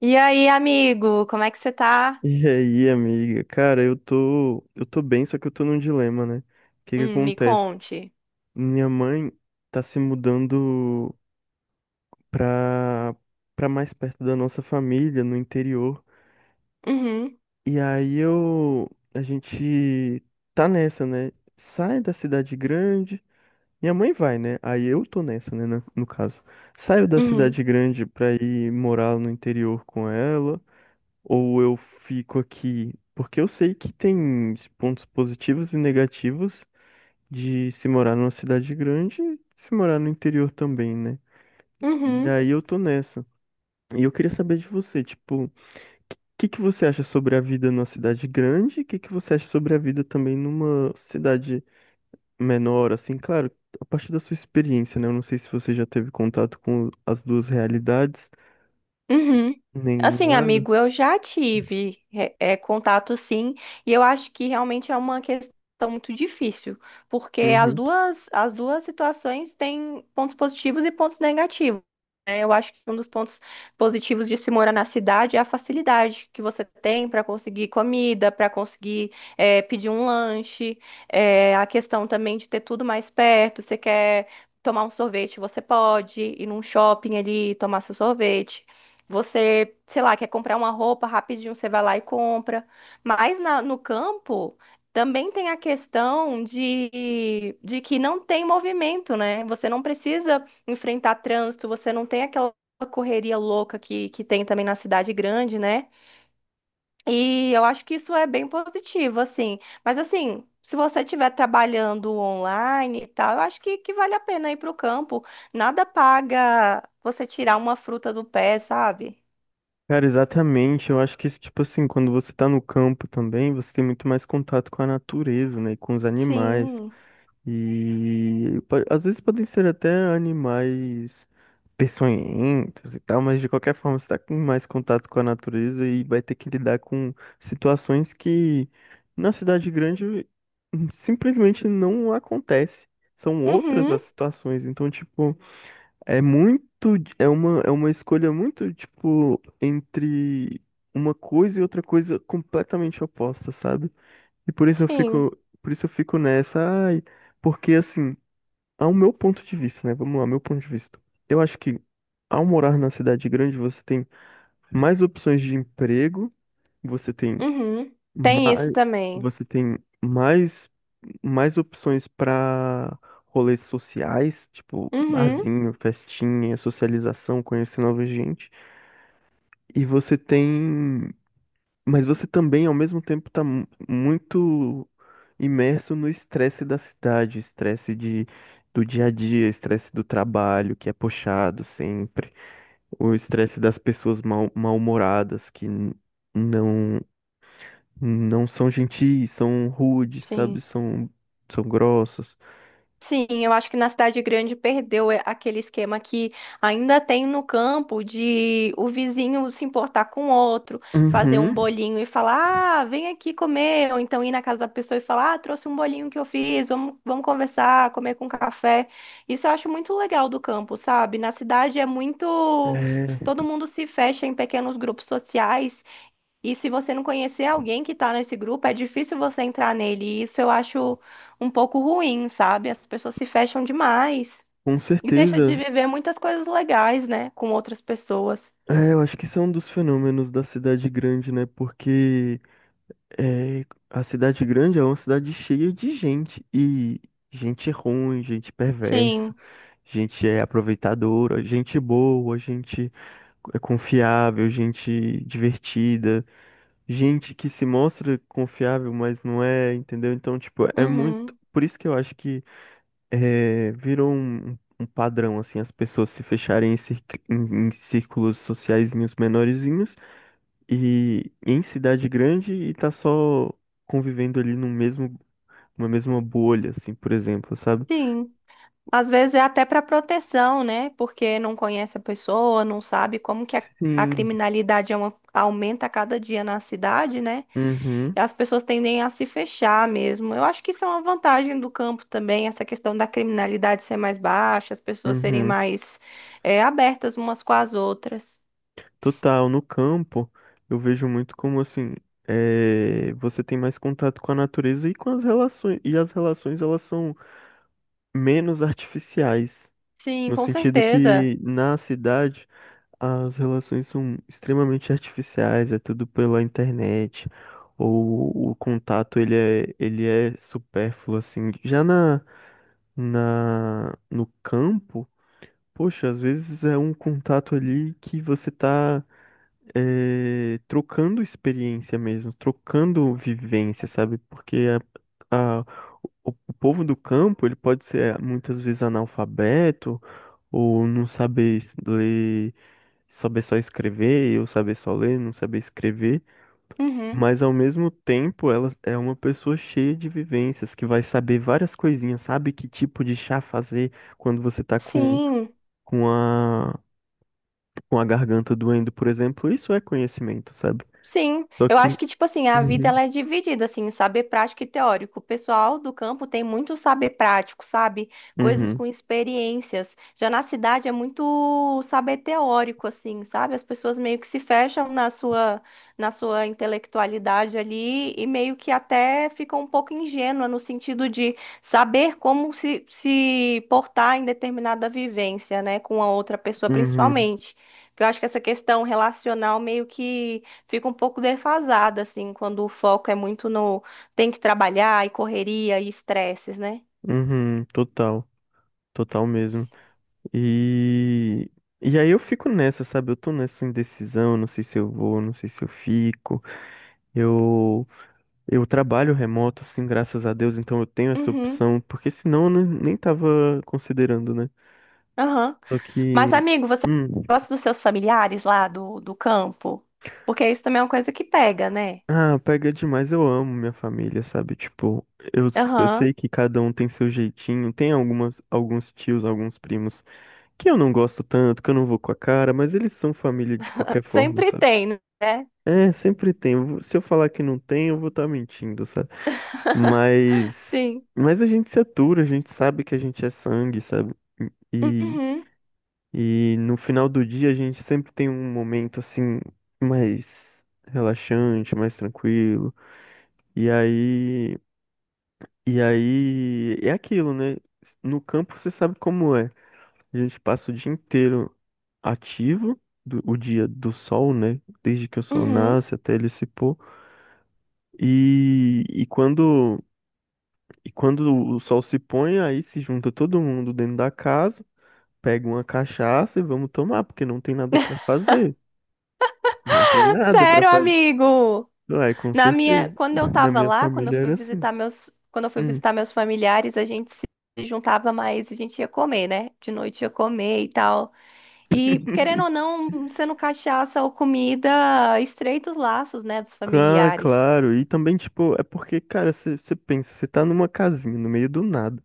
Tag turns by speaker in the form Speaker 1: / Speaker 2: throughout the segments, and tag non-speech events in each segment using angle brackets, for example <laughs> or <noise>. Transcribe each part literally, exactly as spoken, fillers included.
Speaker 1: E aí, amigo, como é que você
Speaker 2: <laughs>
Speaker 1: tá?
Speaker 2: E aí, amiga? Cara, eu tô, eu tô bem, só que eu tô num dilema, né? O que que
Speaker 1: Hum, me
Speaker 2: acontece?
Speaker 1: conte.
Speaker 2: Minha mãe tá se mudando pra, pra mais perto da nossa família, no interior.
Speaker 1: Uhum,
Speaker 2: E aí eu, a gente tá nessa, né? Sai da cidade grande. Minha mãe vai, né? Aí eu tô nessa, né? na- No caso. Saio da cidade
Speaker 1: uhum,
Speaker 2: grande pra ir morar no interior com ela. Ou eu fico aqui? Porque eu sei que tem pontos positivos e negativos de se morar numa cidade grande e se morar no interior também, né? E
Speaker 1: uhum.
Speaker 2: aí eu tô nessa. E eu queria saber de você, tipo, o que que você acha sobre a vida numa cidade grande? O que que você acha sobre a vida também numa cidade menor, assim? Claro, a partir da sua experiência, né? Eu não sei se você já teve contato com as duas realidades,
Speaker 1: Uhum.
Speaker 2: nem
Speaker 1: Assim,
Speaker 2: nada.
Speaker 1: amigo, eu já tive é, é, contato sim, e eu acho que realmente é uma questão muito difícil, porque as
Speaker 2: Uhum.
Speaker 1: duas, as duas situações têm pontos positivos e pontos negativos. Né? Eu acho que um dos pontos positivos de se morar na cidade é a facilidade que você tem para conseguir comida, para conseguir é, pedir um lanche, é, a questão também de ter tudo mais perto. Você quer tomar um sorvete, você pode ir num shopping ali e tomar seu sorvete. Você, sei lá, quer comprar uma roupa rapidinho, você vai lá e compra. Mas na- no campo também tem a questão de, de que não tem movimento, né? Você não precisa enfrentar trânsito, você não tem aquela correria louca que, que tem também na cidade grande, né? E eu acho que isso é bem positivo, assim. Mas assim, se você estiver trabalhando online e tal, eu acho que, que vale a pena ir para o campo. Nada paga você tirar uma fruta do pé, sabe?
Speaker 2: Cara, exatamente. Eu acho que, tipo assim, quando você tá no campo também, você tem muito mais contato com a natureza, né? E com os animais.
Speaker 1: Sim.
Speaker 2: E po- às vezes podem ser até animais peçonhentos e tal, mas de qualquer forma você tá com mais contato com a natureza e vai ter que lidar com situações que na cidade grande hum, simplesmente não acontece. São outras
Speaker 1: Uhum.
Speaker 2: as situações. Então, tipo. É muito, é uma, é uma escolha muito, tipo, entre uma coisa e outra coisa completamente oposta, sabe? E por isso eu
Speaker 1: Sim.
Speaker 2: fico, por isso eu fico nessa, ai, porque assim, ao meu ponto de vista, né? Vamos lá, meu ponto de vista. Eu acho que ao morar na cidade grande, você tem mais opções de emprego, você tem
Speaker 1: Uhum. Tem
Speaker 2: mas
Speaker 1: isso também.
Speaker 2: você tem mais, mais opções para rolês sociais, tipo
Speaker 1: Uhum.
Speaker 2: barzinho, festinha, socialização, conhecer nova gente. E você tem. Mas você também, ao mesmo tempo, tá mu- muito imerso no estresse da cidade, estresse de, do dia a dia, estresse do trabalho, que é puxado sempre, o estresse das pessoas mal, mal-humoradas que n- não. Não são gentis, são rudes, sabe?
Speaker 1: Sim.
Speaker 2: São, são grossos.
Speaker 1: Sim, eu acho que na cidade grande perdeu é, aquele esquema que ainda tem no campo de o vizinho se importar com o outro, fazer um
Speaker 2: Uhum.
Speaker 1: bolinho e falar, ah, vem aqui comer, ou então ir na casa da pessoa e falar, ah, trouxe um bolinho que eu fiz, vamos, vamos conversar, comer com café. Isso eu acho muito legal do campo, sabe? Na cidade é muito,
Speaker 2: É,
Speaker 1: todo mundo se fecha em pequenos grupos sociais. E se você não conhecer alguém que tá nesse grupo, é difícil você entrar nele. E isso eu acho um pouco ruim, sabe? As pessoas se fecham demais
Speaker 2: com
Speaker 1: e deixa de
Speaker 2: certeza.
Speaker 1: viver muitas coisas legais, né? Com outras pessoas.
Speaker 2: É, eu acho que isso é um dos fenômenos da cidade grande, né? Porque é, a cidade grande é uma cidade cheia de gente. E gente ruim, gente perversa,
Speaker 1: Sim.
Speaker 2: gente é aproveitadora, gente boa, gente é confiável, gente divertida. Gente que se mostra confiável, mas não é, entendeu? Então, tipo, é muito.
Speaker 1: Uhum.
Speaker 2: Por isso que eu acho que eh, virou um, um um padrão, assim, as pessoas se fecharem em, circ- em- em círculos sociaizinhos menorzinhos e em cidade grande e tá só convivendo ali no mesmo, uma mesma bolha, assim, por exemplo, sabe?
Speaker 1: Sim. Às vezes é até para proteção, né? Porque não conhece a pessoa, não sabe como que a, a
Speaker 2: Sim.
Speaker 1: criminalidade é uma- aumenta a cada dia na cidade, né?
Speaker 2: Uhum,
Speaker 1: As pessoas tendem a se fechar mesmo. Eu acho que isso é uma vantagem do campo também, essa questão da criminalidade ser mais baixa, as pessoas serem
Speaker 2: uhum.
Speaker 1: mais eh, abertas umas com as outras.
Speaker 2: Total, no campo, eu vejo muito como assim, eh, você tem mais contato com a natureza e com as relações, e as relações elas são menos artificiais,
Speaker 1: Sim,
Speaker 2: no
Speaker 1: com
Speaker 2: sentido
Speaker 1: certeza.
Speaker 2: que na cidade as relações são extremamente artificiais, é tudo pela internet, ou o contato ele é, ele é supérfluo assim. Já na, na no campo, poxa, às vezes é um contato ali que você tá é, trocando experiência mesmo, trocando vivência, sabe? Porque a, a- o, o povo do campo, ele pode ser eh, muitas vezes analfabeto, ou não saber es- ler, saber só escrever, ou saber só ler, não saber escrever,
Speaker 1: Uhum.
Speaker 2: mas ao mesmo tempo ela é uma pessoa cheia de vivências, que vai saber várias coisinhas, sabe que tipo de chá fazer quando você tá com,
Speaker 1: Sim.
Speaker 2: com a, com a garganta doendo, por exemplo, isso é conhecimento, sabe?
Speaker 1: Sim,
Speaker 2: Só
Speaker 1: eu
Speaker 2: que
Speaker 1: acho que, tipo assim, a vida
Speaker 2: uhum,
Speaker 1: ela é dividida, assim, em saber prático e teórico. O pessoal do campo tem muito saber prático, sabe? Coisas
Speaker 2: uhum,
Speaker 1: com experiências. Já na cidade é muito saber teórico, assim, sabe? As pessoas meio que se fecham na sua, na sua intelectualidade ali e meio que até ficam um pouco ingênua no sentido de saber como se, se portar em determinada vivência, né? Com a outra pessoa,
Speaker 2: uhum,
Speaker 1: principalmente. Porque eu acho que essa questão relacional meio que fica um pouco defasada, assim, quando o foco é muito no tem que trabalhar e correria e estresses, né?
Speaker 2: uhum, total, total mesmo. E, e aí eu fico nessa, sabe? Eu tô nessa indecisão, não sei se eu vou, não sei se eu fico. Eu, eu trabalho remoto, assim, graças a Deus, então eu tenho essa
Speaker 1: Uhum,
Speaker 2: opção, porque senão eu não- nem tava considerando, né?
Speaker 1: aham.
Speaker 2: Só que,
Speaker 1: Mas, amigo, você
Speaker 2: hum,
Speaker 1: gosta dos seus familiares lá do, do campo? Porque isso também é uma coisa que pega, né?
Speaker 2: ah, pega demais, eu amo minha família, sabe? Tipo, eu, eu sei
Speaker 1: Aham,
Speaker 2: que cada um tem seu jeitinho, tem algumas, alguns tios, alguns primos que eu não gosto tanto, que eu não vou com a cara, mas eles são família de qualquer forma,
Speaker 1: sempre
Speaker 2: sabe?
Speaker 1: tem, né?
Speaker 2: É, sempre tem. Eu vou- Se eu falar que não tem, eu vou estar mentindo, sabe? Mas,
Speaker 1: Sim.
Speaker 2: mas a gente se atura, a gente sabe que a gente é sangue, sabe? E,
Speaker 1: Uhum,
Speaker 2: e no final do dia a gente sempre tem um momento assim mais relaxante, mais tranquilo. E aí, e aí é aquilo, né? No campo você sabe como é. A gente passa o dia inteiro ativo, do- o dia do sol, né? Desde que o sol
Speaker 1: uhum.
Speaker 2: nasce até ele se pôr. E, e quando, e quando o sol se põe, aí se junta todo mundo dentro da casa, pega uma cachaça e vamos tomar, porque não tem nada pra fazer. Não tem nada pra
Speaker 1: Sério,
Speaker 2: fazer.
Speaker 1: amigo.
Speaker 2: Ué, com
Speaker 1: Na minha,
Speaker 2: certeza.
Speaker 1: quando eu
Speaker 2: Na
Speaker 1: tava
Speaker 2: minha
Speaker 1: lá, quando eu
Speaker 2: família
Speaker 1: fui
Speaker 2: era assim.
Speaker 1: visitar meus, quando eu fui
Speaker 2: Hum.
Speaker 1: visitar meus familiares, a gente se juntava mais, e a gente ia comer, né? De noite ia comer e tal. E, querendo ou não, sendo cachaça ou comida, estreita os laços, né, dos
Speaker 2: Ah,
Speaker 1: familiares.
Speaker 2: claro. E também, tipo, é porque, cara, você pensa, você tá numa casinha no meio do nada.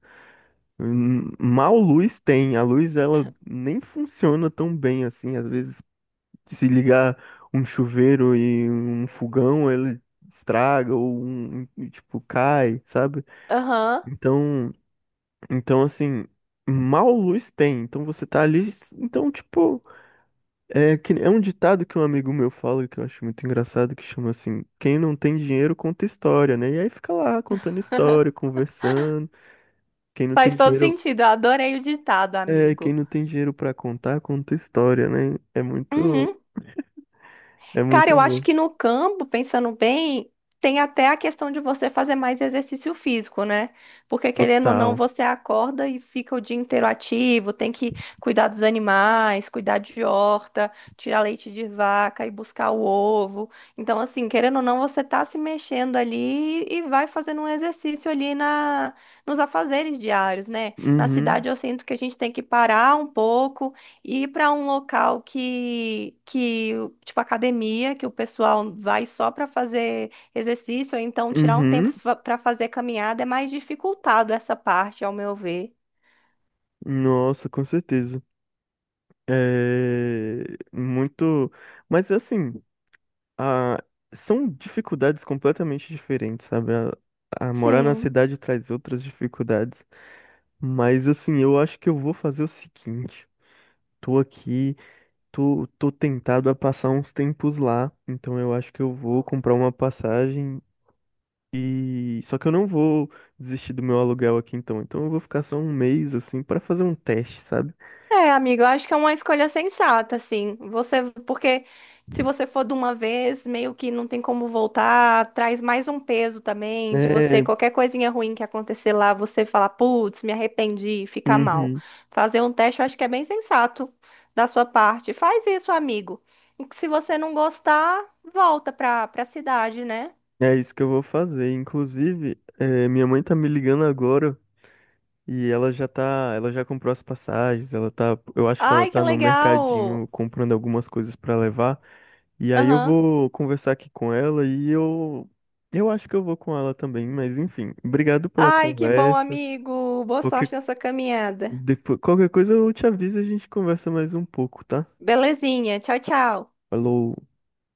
Speaker 2: Hum, Mal luz tem. A luz ela nem funciona tão bem assim. Às vezes, se ligar um chuveiro e um fogão, ele estraga ou um, um- tipo cai, sabe?
Speaker 1: Aham,
Speaker 2: Então, então assim, mal luz tem. Então você tá ali, então tipo, é que é um ditado que um amigo meu fala que eu acho muito engraçado que chama assim, quem não tem dinheiro conta história, né? E aí fica lá contando história, conversando. Quem não tem
Speaker 1: faz todo
Speaker 2: dinheiro
Speaker 1: sentido. Eu adorei o ditado,
Speaker 2: É, quem
Speaker 1: amigo.
Speaker 2: não tem dinheiro pra contar, conta história, né? É muito,
Speaker 1: Uhum.
Speaker 2: é
Speaker 1: Cara,
Speaker 2: muito
Speaker 1: eu acho
Speaker 2: bom.
Speaker 1: que no campo, pensando bem, tem até a questão de você fazer mais exercício físico, né? Porque querendo ou não,
Speaker 2: Total.
Speaker 1: você acorda e fica o dia inteiro ativo, tem que cuidar dos animais, cuidar de horta, tirar leite de vaca e buscar o ovo. Então, assim, querendo ou não, você tá se mexendo ali e vai fazendo um exercício ali na nos afazeres diários, né? Na
Speaker 2: Uhum,
Speaker 1: cidade eu sinto que a gente tem que parar um pouco e ir para um local que, que, tipo academia, que o pessoal vai só para fazer exercício, ou então tirar um tempo
Speaker 2: uhum.
Speaker 1: para fazer caminhada, é mais dificultado essa parte, ao meu ver.
Speaker 2: Nossa, com certeza. É muito, mas assim, a... são dificuldades completamente diferentes, sabe? A... a morar na
Speaker 1: Sim.
Speaker 2: cidade traz outras dificuldades, mas assim, eu acho que eu vou fazer o seguinte. Tô aqui, tô, tô tentado a passar uns tempos lá, então eu acho que eu vou comprar uma passagem. E só que eu não vou desistir do meu aluguel aqui então. Então eu vou ficar só um mês assim para fazer um teste, sabe?
Speaker 1: É, amigo, eu acho que é uma escolha sensata, assim. Você, porque se você for de uma vez, meio que não tem como voltar, traz mais um peso também de você,
Speaker 2: É,
Speaker 1: qualquer coisinha ruim que acontecer lá, você falar, putz, me arrependi, fica mal.
Speaker 2: uhum,
Speaker 1: Fazer um teste, eu acho que é bem sensato da sua parte. Faz isso, amigo. E se você não gostar, volta pra, pra cidade, né?
Speaker 2: é isso que eu vou fazer. Inclusive, é, minha mãe tá me ligando agora e ela já tá, ela já comprou as passagens, ela tá, eu acho que ela
Speaker 1: Ai, que
Speaker 2: tá no
Speaker 1: legal!
Speaker 2: mercadinho comprando algumas coisas para levar. E aí eu
Speaker 1: Aham.
Speaker 2: vou conversar aqui com ela e eu eu acho que eu vou com ela também, mas enfim, obrigado pela
Speaker 1: Ai, que bom,
Speaker 2: conversa.
Speaker 1: amigo. Boa sorte
Speaker 2: Qualquer
Speaker 1: na sua caminhada.
Speaker 2: Depois, qualquer coisa eu te aviso e a gente conversa mais um pouco, tá?
Speaker 1: Belezinha. Tchau, tchau.
Speaker 2: Falou.